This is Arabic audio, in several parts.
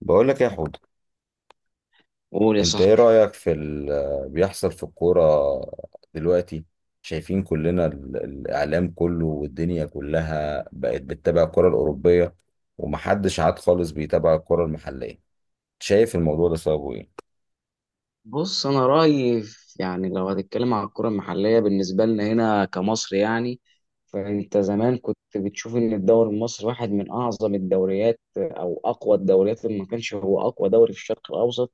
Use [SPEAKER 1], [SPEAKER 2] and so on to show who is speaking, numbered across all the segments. [SPEAKER 1] بقول لك يا حود،
[SPEAKER 2] قول يا
[SPEAKER 1] انت ايه
[SPEAKER 2] صاحبي.
[SPEAKER 1] رأيك في اللي بيحصل في الكورة دلوقتي؟ شايفين كلنا الاعلام كله والدنيا كلها بقت بتتابع الكرة الأوروبية، ومحدش عاد خالص بيتابع الكرة المحلية. شايف الموضوع ده سببه ايه؟
[SPEAKER 2] بص، انا رايي يعني لو هتتكلم عن الكره المحليه بالنسبه لنا هنا كمصر يعني. فانت زمان كنت بتشوف ان الدوري المصري واحد من اعظم الدوريات او اقوى الدوريات اللي ما كانش هو اقوى دوري في الشرق الاوسط.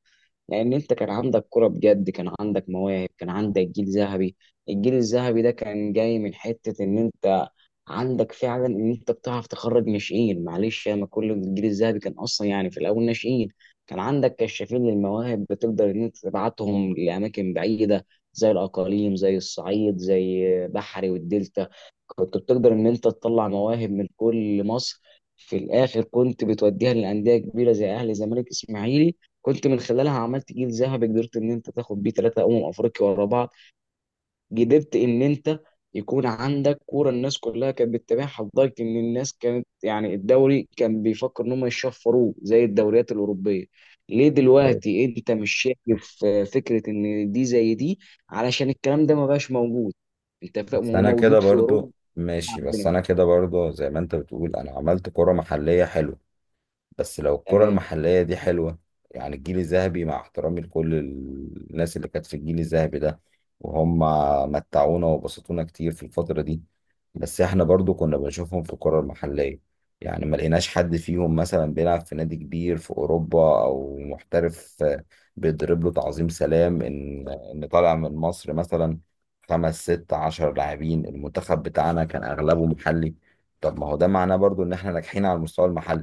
[SPEAKER 2] لان انت كان عندك كره بجد، كان عندك مواهب، كان عندك جيل ذهبي. الجيل الذهبي ده كان جاي من حته ان انت عندك فعلا ان انت بتعرف تخرج ناشئين، معلش انا كل الجيل الذهبي كان اصلا يعني في الاول ناشئين. كان عندك كشافين للمواهب بتقدر ان انت تبعتهم لاماكن بعيده، زي الاقاليم، زي الصعيد، زي بحري والدلتا. كنت بتقدر ان انت تطلع مواهب من كل مصر، في الاخر كنت بتوديها لانديه كبيره زي اهلي، زمالك، اسماعيلي. كنت من خلالها عملت جيل ذهبي قدرت ان انت تاخد بيه ثلاثه افريقيا ورا بعض. قدرت ان انت يكون عندك كوره الناس كلها كانت بتتابعها، لدرجه ان الناس كانت يعني الدوري كان بيفكر ان هم يشفروه زي الدوريات الاوروبيه. ليه
[SPEAKER 1] طيب.
[SPEAKER 2] دلوقتي انت مش شايف فكره ان دي زي دي؟ علشان الكلام ده ما بقاش موجود، انت فاهم،
[SPEAKER 1] بس
[SPEAKER 2] هو
[SPEAKER 1] انا كده
[SPEAKER 2] موجود في اوروبا
[SPEAKER 1] برضو ماشي، بس
[SPEAKER 2] عندنا.
[SPEAKER 1] انا كده برضو زي ما انت بتقول، انا عملت كرة محلية حلوة. بس لو الكرة
[SPEAKER 2] تمام.
[SPEAKER 1] المحلية دي حلوة، يعني الجيل الذهبي، مع احترامي لكل الناس اللي كانت في الجيل الذهبي ده، وهم متعونا وبسطونا كتير في الفترة دي، بس احنا برضو كنا بنشوفهم في الكرة المحلية. يعني ما لقيناش حد فيهم مثلا بيلعب في نادي كبير في أوروبا أو محترف، بيضرب له تعظيم سلام إن طالع من مصر مثلا. خمس ست عشر لاعبين، المنتخب بتاعنا كان أغلبه محلي. طب ما هو ده معناه برضو إن احنا ناجحين على المستوى المحلي،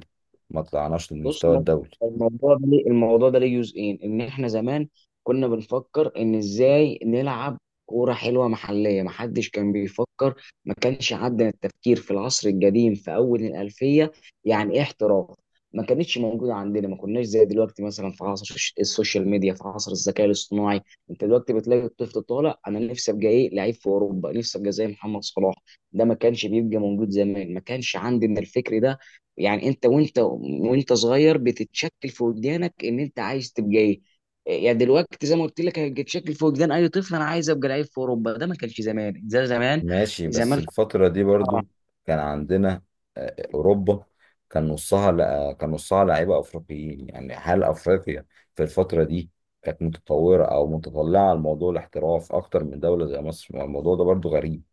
[SPEAKER 1] ما طلعناش
[SPEAKER 2] بص،
[SPEAKER 1] للمستوى الدولي.
[SPEAKER 2] الموضوع ده ليه، الموضوع ده ليه جزئين، ان احنا زمان كنا بنفكر ان ازاي نلعب كوره حلوه محليه، ما حدش كان بيفكر. ما كانش عندنا التفكير في العصر القديم في اول الالفيه يعني ايه احتراف، ما كانتش موجوده عندنا. ما كناش زي دلوقتي مثلا في عصر السوشيال ميديا، في عصر الذكاء الاصطناعي. انت دلوقتي بتلاقي الطفل طالع، انا نفسي ابقى ايه لعيب في اوروبا، نفسي ابقى زي محمد صلاح. ده ما كانش بيبقى موجود زمان، ما كانش عندنا الفكر ده. يعني انت وانت صغير بتتشكل في وجدانك ان انت عايز تبقى ايه. يعني دلوقتي زي ما قلت لك هيتشكل في وجدان اي طفل انا عايز ابقى لعيب في اوروبا، ده ما كانش زمان زي زمان.
[SPEAKER 1] ماشي، بس
[SPEAKER 2] زمان كنت-
[SPEAKER 1] الفترة دي برضو كان عندنا أوروبا، كان نصها لأ، كان نصها لعيبة أفريقيين. يعني هل أفريقيا في الفترة دي كانت متطورة أو متطلعة لموضوع الاحتراف أكتر من دولة زي مصر؟ ما الموضوع ده برضو غريب.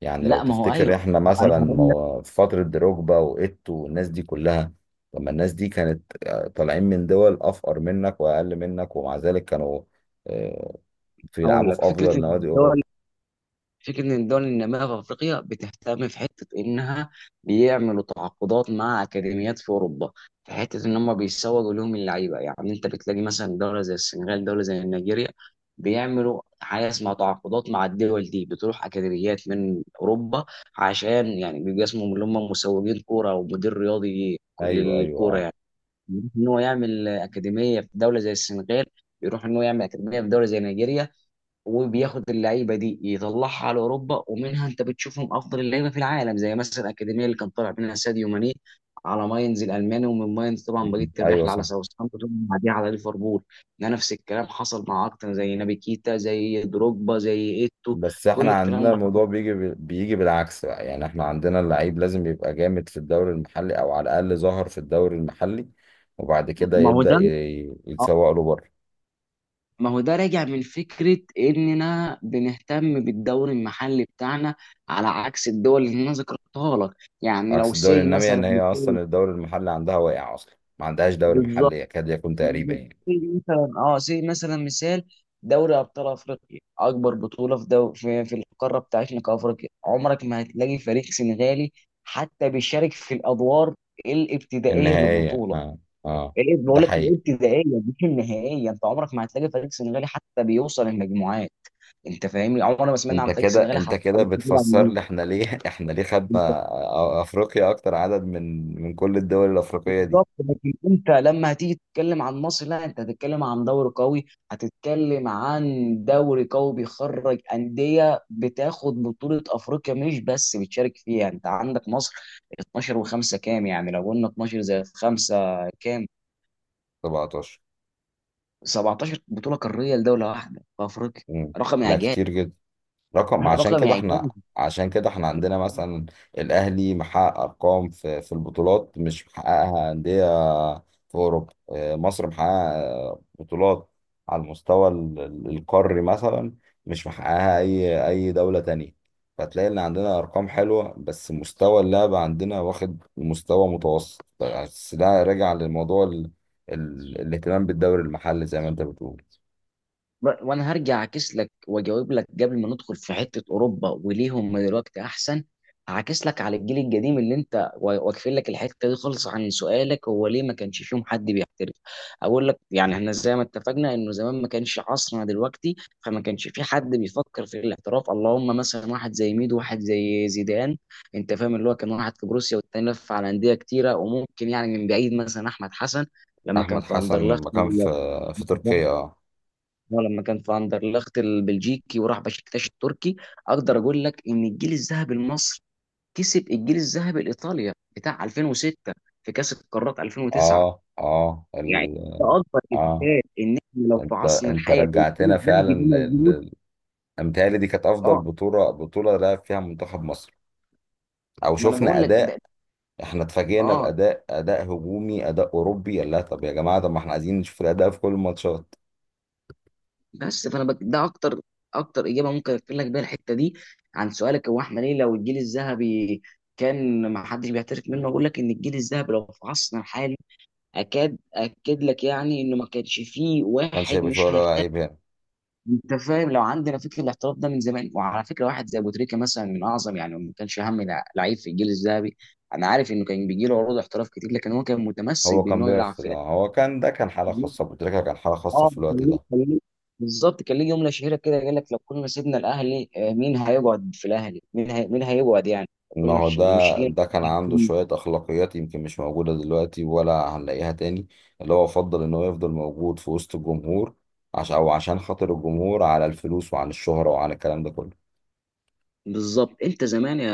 [SPEAKER 1] يعني لو
[SPEAKER 2] لا ما هو
[SPEAKER 1] تفتكر
[SPEAKER 2] ايوه،
[SPEAKER 1] إحنا
[SPEAKER 2] انا
[SPEAKER 1] مثلا
[SPEAKER 2] هقول لك
[SPEAKER 1] في فترة دروجبا وإيتو والناس دي كلها، طب ما الناس دي كانت، طالعين من دول أفقر منك وأقل منك، ومع ذلك كانوا آه،
[SPEAKER 2] هقول
[SPEAKER 1] بيلعبوا في
[SPEAKER 2] لك. فكره ان
[SPEAKER 1] أفضل نوادي
[SPEAKER 2] الدول،
[SPEAKER 1] أوروبا.
[SPEAKER 2] فكرة إن الدول النامية في أفريقيا بتهتم في حتة إنها بيعملوا تعاقدات مع أكاديميات في أوروبا، في حتة إن هم بيسوقوا لهم اللعيبة. يعني أنت بتلاقي مثلا دولة زي السنغال، دولة زي نيجيريا، بيعملوا حاجة اسمها تعاقدات مع الدول دي، بتروح أكاديميات من أوروبا، عشان يعني بيبقى اسمهم اللي هم مسوقين كورة أو مدير رياضي
[SPEAKER 1] ايوه ايوه،
[SPEAKER 2] للكورة
[SPEAKER 1] اه.
[SPEAKER 2] يعني. يروح إن هو يعمل أكاديمية في دولة زي السنغال، يروح إن هو يعمل أكاديمية في دولة زي نيجيريا، وبياخد اللعيبه دي يطلعها على اوروبا، ومنها انت بتشوفهم افضل اللعيبه في العالم، زي مثلا الاكاديميه اللي كان طالع منها ساديو ماني على ماينز الالماني، ومن ماينز طبعا بقيه
[SPEAKER 1] مم. ايوه،
[SPEAKER 2] الرحله على
[SPEAKER 1] صح.
[SPEAKER 2] ساوثهامبتون وبعديها على ليفربول. ده نفس الكلام حصل مع اكتر، زي نابي كيتا، زي دروجبا، زي ايتو.
[SPEAKER 1] بس
[SPEAKER 2] كل
[SPEAKER 1] احنا
[SPEAKER 2] الكلام
[SPEAKER 1] عندنا
[SPEAKER 2] ده حصل.
[SPEAKER 1] الموضوع بيجي بالعكس بقى. يعني احنا عندنا اللعيب لازم يبقى جامد في الدوري المحلي، او على الاقل ظهر في الدوري المحلي، وبعد كده
[SPEAKER 2] ما هو
[SPEAKER 1] يبدأ
[SPEAKER 2] ده آه،
[SPEAKER 1] يتسوق له بره.
[SPEAKER 2] ما هو ده راجع من فكرة إننا بنهتم بالدوري المحلي بتاعنا على عكس الدول اللي أنا ذكرتها لك. يعني
[SPEAKER 1] عكس
[SPEAKER 2] لو
[SPEAKER 1] الدوري
[SPEAKER 2] سي
[SPEAKER 1] النامية، ان
[SPEAKER 2] مثلا،
[SPEAKER 1] هي اصلا الدوري المحلي عندها واقع، اصلا ما عندهاش دوري
[SPEAKER 2] بالظبط،
[SPEAKER 1] محلي يكاد يكون تقريبا
[SPEAKER 2] بالظبط.
[SPEAKER 1] يعني.
[SPEAKER 2] زي مثلا اه، زي مثلا مثال دوري ابطال افريقيا، اكبر بطوله في القاره بتاعتنا كافريقيا، عمرك ما هتلاقي فريق سنغالي حتى بيشارك في الادوار الابتدائيه
[SPEAKER 1] النهائية،
[SPEAKER 2] للبطوله.
[SPEAKER 1] اه. اه.
[SPEAKER 2] يعني ايه،
[SPEAKER 1] ده
[SPEAKER 2] بقول لك
[SPEAKER 1] حقيقي.
[SPEAKER 2] الابتدائيه مش النهائيه، انت عمرك ما هتلاقي فريق سنغالي حتى بيوصل المجموعات. انت فاهمني، عمرنا ما سمعنا
[SPEAKER 1] انت
[SPEAKER 2] عن فريق
[SPEAKER 1] كده
[SPEAKER 2] سنغالي
[SPEAKER 1] انت
[SPEAKER 2] حتى.
[SPEAKER 1] كده بتفسر لي احنا ليه احنا ليه خدنا
[SPEAKER 2] طبعا،
[SPEAKER 1] افريقيا اكتر عدد من كل الدول الافريقية دي.
[SPEAKER 2] بالظبط. لكن انت لما هتيجي تتكلم عن مصر، لا انت هتتكلم عن دوري قوي، هتتكلم عن دوري قوي بيخرج انديه بتاخد بطوله افريقيا مش بس بتشارك فيها. يعني انت عندك مصر 12 و5 كام، يعني لو قلنا 12 زائد 5 كام؟
[SPEAKER 1] 17.
[SPEAKER 2] 17 بطوله قاريه لدوله واحده في افريقيا،
[SPEAKER 1] مم.
[SPEAKER 2] رقم
[SPEAKER 1] لا،
[SPEAKER 2] اعجاز.
[SPEAKER 1] كتير جدا. رقم، عشان
[SPEAKER 2] رقم
[SPEAKER 1] كده احنا،
[SPEAKER 2] اعجاز.
[SPEAKER 1] عندنا مثلا الاهلي محقق ارقام في البطولات، مش محققها انديه في اوروبا. مصر محققه بطولات على المستوى القاري مثلا، مش محققها اي دوله تانية. فتلاقي ان عندنا ارقام حلوه، بس مستوى اللعب عندنا واخد مستوى متوسط، بس ده راجع للموضوع الاهتمام بالدوري المحلي زي ما انت بتقول.
[SPEAKER 2] وانا هرجع اعكس لك واجاوب لك قبل ما ندخل في حته اوروبا وليه هم دلوقتي احسن. هعكس لك على الجيل القديم اللي انت واقفين لك الحته دي خالص عن سؤالك، هو ليه ما كانش فيهم حد بيحترف؟ اقول لك، يعني احنا زي ما اتفقنا انه زمان ما كانش عصرنا دلوقتي، فما كانش في حد بيفكر في الاحتراف، اللهم مثلا واحد زي ميدو، واحد زي زيدان، انت فاهم، اللي هو كان واحد في بروسيا والتاني لف على انديه كتيره، وممكن يعني من بعيد مثلا احمد حسن لما كان
[SPEAKER 1] احمد
[SPEAKER 2] في
[SPEAKER 1] حسن
[SPEAKER 2] اندرلخت.
[SPEAKER 1] لما كان في تركيا، اه.
[SPEAKER 2] هو لما كان في اندرلخت البلجيكي وراح بشكتاش التركي. اقدر اقول لك ان الجيل الذهبي المصري كسب الجيل الذهبي الايطاليا بتاع 2006 في كاس القارات 2009
[SPEAKER 1] اه، اه،
[SPEAKER 2] يعني. ده اكبر
[SPEAKER 1] اه.
[SPEAKER 2] اثبات ان احنا لو في
[SPEAKER 1] انت
[SPEAKER 2] عصرنا
[SPEAKER 1] انت
[SPEAKER 2] الحالي والجيل
[SPEAKER 1] رجعتنا
[SPEAKER 2] الذهبي
[SPEAKER 1] فعلا،
[SPEAKER 2] ده موجود.
[SPEAKER 1] متهيألي دي كانت افضل
[SPEAKER 2] اه،
[SPEAKER 1] بطوله لعب فيها منتخب مصر، او
[SPEAKER 2] ما انا
[SPEAKER 1] شفنا
[SPEAKER 2] بقول لك
[SPEAKER 1] اداء.
[SPEAKER 2] ده.
[SPEAKER 1] احنا اتفاجئنا
[SPEAKER 2] اه،
[SPEAKER 1] باداء هجومي، اداء اوروبي، قال لها طب يا جماعه، طب ما احنا عايزين نشوف الاداء في كل الماتشات.
[SPEAKER 2] بس فانا بك ده اكتر اكتر اجابه ممكن اقفل لك بيها الحته دي عن سؤالك، هو احنا ليه لو الجيل الذهبي كان ما حدش بيعترف منه؟ اقول لك ان الجيل الذهبي لو في عصرنا الحالي، اكاد اكد لك يعني انه ما كانش فيه
[SPEAKER 1] ما كانش
[SPEAKER 2] واحد
[SPEAKER 1] هيبقى فيه
[SPEAKER 2] مش
[SPEAKER 1] ولا
[SPEAKER 2] هيحترف.
[SPEAKER 1] عيب هنا.
[SPEAKER 2] انت فاهم، لو عندنا فكره الاحتراف ده من زمان. وعلى فكره واحد زي ابو تريكه مثلا من اعظم، يعني ما كانش اهم لعيب في الجيل الذهبي. انا عارف انه كان بيجي له عروض احتراف كتير، لكن هو كان متمسك
[SPEAKER 1] هو كان
[SPEAKER 2] بانه يلعب
[SPEAKER 1] بيرفض،
[SPEAKER 2] في
[SPEAKER 1] آه. هو كان ده كان حاله
[SPEAKER 2] الاهلي.
[SPEAKER 1] خاصه بتركيا، كان حاله خاصه
[SPEAKER 2] اه
[SPEAKER 1] في
[SPEAKER 2] كان
[SPEAKER 1] الوقت
[SPEAKER 2] ليه،
[SPEAKER 1] ده.
[SPEAKER 2] بالظبط، كان ليه جمله شهيره كده، قال لك لو كنا سيبنا الاهلي مين هيقعد في الاهلي؟ مين هي... مين هيقعد يعني لو
[SPEAKER 1] ما
[SPEAKER 2] كنا
[SPEAKER 1] هو
[SPEAKER 2] مش
[SPEAKER 1] ده
[SPEAKER 2] مش
[SPEAKER 1] ده كان عنده شوية أخلاقيات يمكن مش موجودة دلوقتي ولا هنلاقيها تاني، اللي هو فضل إن هو يفضل موجود في وسط الجمهور، عشان خاطر الجمهور على الفلوس، وعن الشهرة، وعن الكلام ده كله.
[SPEAKER 2] بالظبط. انت زمان يا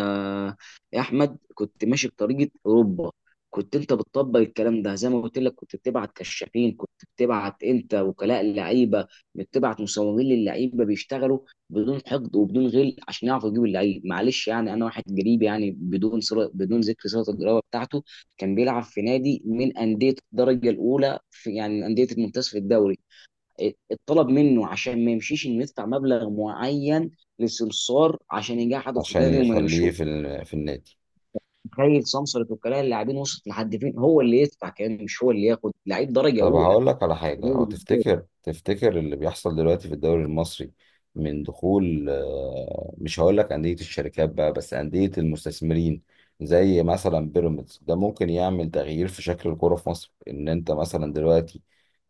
[SPEAKER 2] يا احمد كنت ماشي بطريقه اوروبا، كنت انت بتطبق الكلام ده زي ما قلت لك، كنت بتبعت كشافين، كنت بتبعت انت وكلاء اللعيبه، بتبعت مصورين للعيبه بيشتغلوا بدون حقد وبدون غل عشان يعرفوا يجيبوا اللعيب. معلش يعني انا واحد قريب يعني، بدون صلة، بدون ذكر صله القرابه بتاعته، كان بيلعب في نادي من انديه الدرجه الاولى في يعني انديه الممتاز في الدوري، اتطلب منه عشان ما يمشيش انه يدفع مبلغ معين لسمسار عشان يجحده في
[SPEAKER 1] عشان
[SPEAKER 2] النادي وما
[SPEAKER 1] يخليه
[SPEAKER 2] يمشوه.
[SPEAKER 1] في النادي.
[SPEAKER 2] تخيل سمسار وكلاء اللاعبين وصلت لحد فين، هو اللي يدفع كمان، مش هو اللي ياخد لعيب درجه
[SPEAKER 1] طب
[SPEAKER 2] اولى
[SPEAKER 1] هقول لك على
[SPEAKER 2] في
[SPEAKER 1] حاجة. هو
[SPEAKER 2] دوري.
[SPEAKER 1] تفتكر اللي بيحصل دلوقتي في الدوري المصري من دخول، مش هقول لك أندية الشركات بقى، بس أندية المستثمرين زي مثلا بيراميدز، ده ممكن يعمل تغيير في شكل الكورة في مصر؟ إن أنت مثلا دلوقتي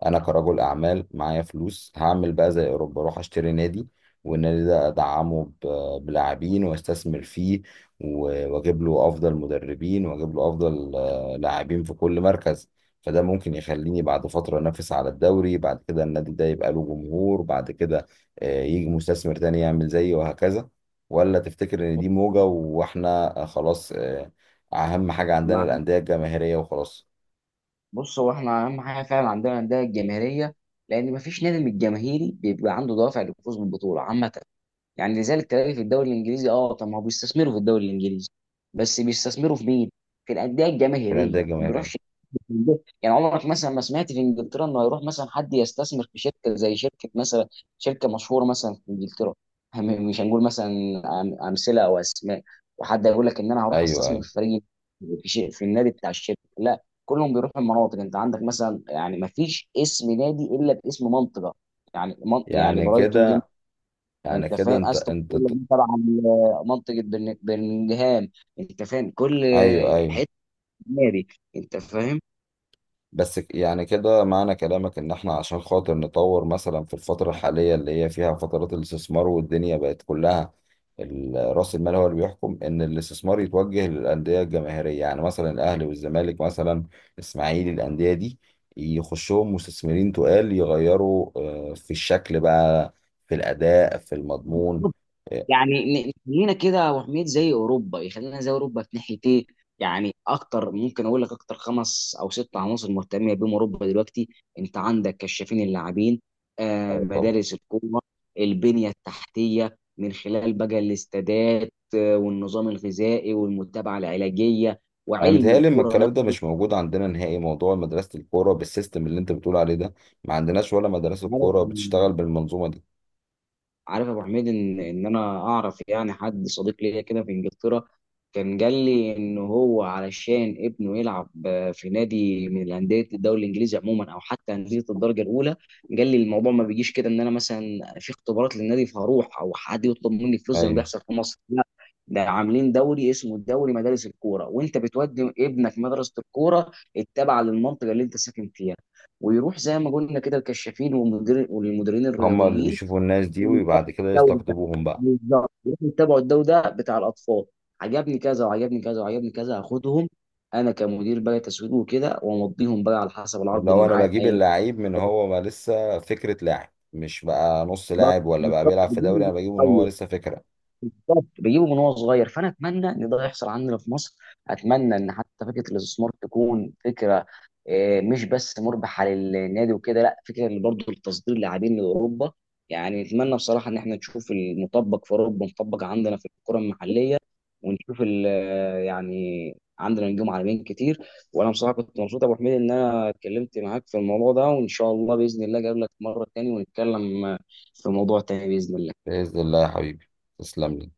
[SPEAKER 1] أنا كرجل أعمال معايا فلوس، هعمل بقى زي أوروبا، أروح أشتري نادي، والنادي ده أدعمه بلاعبين، وأستثمر فيه وأجيب له أفضل مدربين، وأجيب له أفضل لاعبين في كل مركز. فده ممكن يخليني بعد فترة أنافس على الدوري، بعد كده النادي ده يبقى له جمهور، بعد كده يجي مستثمر تاني يعمل زيي، وهكذا. ولا تفتكر إن دي موجة وإحنا خلاص؟ أهم حاجة عندنا
[SPEAKER 2] مع-
[SPEAKER 1] الأندية الجماهيرية وخلاص.
[SPEAKER 2] بص، هو احنا اهم حاجه فعلا عندنا الانديه الجماهيريه، لان مفيش نادي من الجماهيري بيبقى عنده دوافع للفوز بالبطوله عامه. يعني لذلك تلاقي في الدوري الانجليزي، اه طب ما هو بيستثمروا في الدوري الانجليزي، بس بيستثمروا في مين؟ في الانديه
[SPEAKER 1] الأندية
[SPEAKER 2] الجماهيريه، ما
[SPEAKER 1] الجماهيرية.
[SPEAKER 2] بيروحش. يعني عمرك مثلا ما سمعت في انجلترا انه هيروح مثلا حد يستثمر في شركه، زي شركه مثلا، شركه مشهوره مثلا في انجلترا، مش هنقول مثلا امثله او اسماء، وحد يقول لك ان انا هروح
[SPEAKER 1] أيوه
[SPEAKER 2] استثمر
[SPEAKER 1] أيوه.
[SPEAKER 2] في فريق في النادي بتاع الشركه، لا كلهم بيروحوا المناطق. انت عندك مثلا يعني، ما فيش اسم نادي الا باسم منطقه، يعني من يعني
[SPEAKER 1] يعني
[SPEAKER 2] برايتون دي.
[SPEAKER 1] كده يعني
[SPEAKER 2] انت
[SPEAKER 1] كده
[SPEAKER 2] فاهم استون فيلا دي تبع منطقه برمنجهام، انت فاهم، كل
[SPEAKER 1] أيوه أيوه.
[SPEAKER 2] حته نادي، انت فاهم.
[SPEAKER 1] بس يعني كده معنى كلامك ان احنا عشان خاطر نطور مثلا في الفترة الحالية اللي هي فيها فترات الاستثمار، والدنيا بقت كلها رأس المال هو اللي بيحكم، ان الاستثمار يتوجه للأندية الجماهيرية، يعني مثلا الاهلي والزمالك مثلا الاسماعيلي، الأندية دي يخشهم مستثمرين تقال يغيروا، في الشكل بقى، في الأداء، في المضمون.
[SPEAKER 2] يعني نخلينا كده يا ابو حميد زي اوروبا، يخلينا زي اوروبا في ناحيه ايه؟ يعني اكتر، ممكن اقول لك اكتر خمس او ست عناصر مهتمه بيهم اوروبا دلوقتي، انت عندك كشافين اللاعبين،
[SPEAKER 1] طب،
[SPEAKER 2] مدارس الكوره، البنيه التحتيه من خلال بقى الاستادات، والنظام الغذائي والمتابعه العلاجيه،
[SPEAKER 1] انا
[SPEAKER 2] وعلم
[SPEAKER 1] متهيألي ان
[SPEAKER 2] الكوره
[SPEAKER 1] الكلام ده مش موجود عندنا نهائي. موضوع مدرسة الكورة بالسيستم اللي انت بتقول عليه ده، ما عندناش ولا مدرسة كورة
[SPEAKER 2] نفسه.
[SPEAKER 1] بتشتغل بالمنظومة دي.
[SPEAKER 2] عارف يا ابو حميد ان انا اعرف يعني حد صديق ليا كده في انجلترا، كان قال لي ان هو علشان ابنه يلعب في نادي من الانديه الدوري الانجليزي عموما او حتى انديه الدرجه الاولى، قال لي الموضوع ما بيجيش كده ان انا مثلا في اختبارات للنادي فهروح او حد يطلب مني فلوس زي ما
[SPEAKER 1] ايوه.
[SPEAKER 2] بيحصل في مصر، لا ده عاملين دوري اسمه الدوري مدارس الكوره، وانت بتودي ابنك مدرسه الكوره التابعه للمنطقه اللي انت ساكن فيها، ويروح زي ما قلنا كده الكشافين والمدير والمديرين
[SPEAKER 1] هما اللي
[SPEAKER 2] الرياضيين
[SPEAKER 1] بيشوفوا الناس دي وبعد كده
[SPEAKER 2] الدوري ده.
[SPEAKER 1] يستقطبوهم بقى.
[SPEAKER 2] بالظبط، روحوا اتبعوا الدوري ده بتاع الاطفال، عجبني كذا وعجبني كذا وعجبني كذا هاخدهم، انا كمدير بقى تسويق وكده، وامضيهم بقى على حسب
[SPEAKER 1] اللي
[SPEAKER 2] العرض اللي
[SPEAKER 1] هو انا
[SPEAKER 2] معايا في
[SPEAKER 1] بجيب
[SPEAKER 2] اي.
[SPEAKER 1] اللعيب من هو ما لسه فكرة لاعب، مش بقى نص لاعب ولا بقى
[SPEAKER 2] بالظبط،
[SPEAKER 1] بيلعب في دوري، انا
[SPEAKER 2] بدون،
[SPEAKER 1] بجيبه ان هو لسه فكرة.
[SPEAKER 2] بالظبط، بجيبه من هو صغير. فانا اتمنى ان ده يحصل عندنا في مصر، اتمنى ان حتى فكره الاستثمار تكون فكره مش بس مربحه للنادي وكده، لا فكره اللي برضه لتصدير لاعبين لاوروبا. يعني نتمنى بصراحه ان احنا نشوف المطبق في اوروبا مطبق عندنا في الكره المحليه، ونشوف يعني عندنا نجوم عالميين كتير. وانا بصراحه كنت مبسوط يا ابو حميد ان انا اتكلمت معاك في الموضوع ده، وان شاء الله باذن الله اجيب لك مره تاني ونتكلم في موضوع تاني باذن الله.
[SPEAKER 1] بإذن الله يا حبيبي، تسلم لي.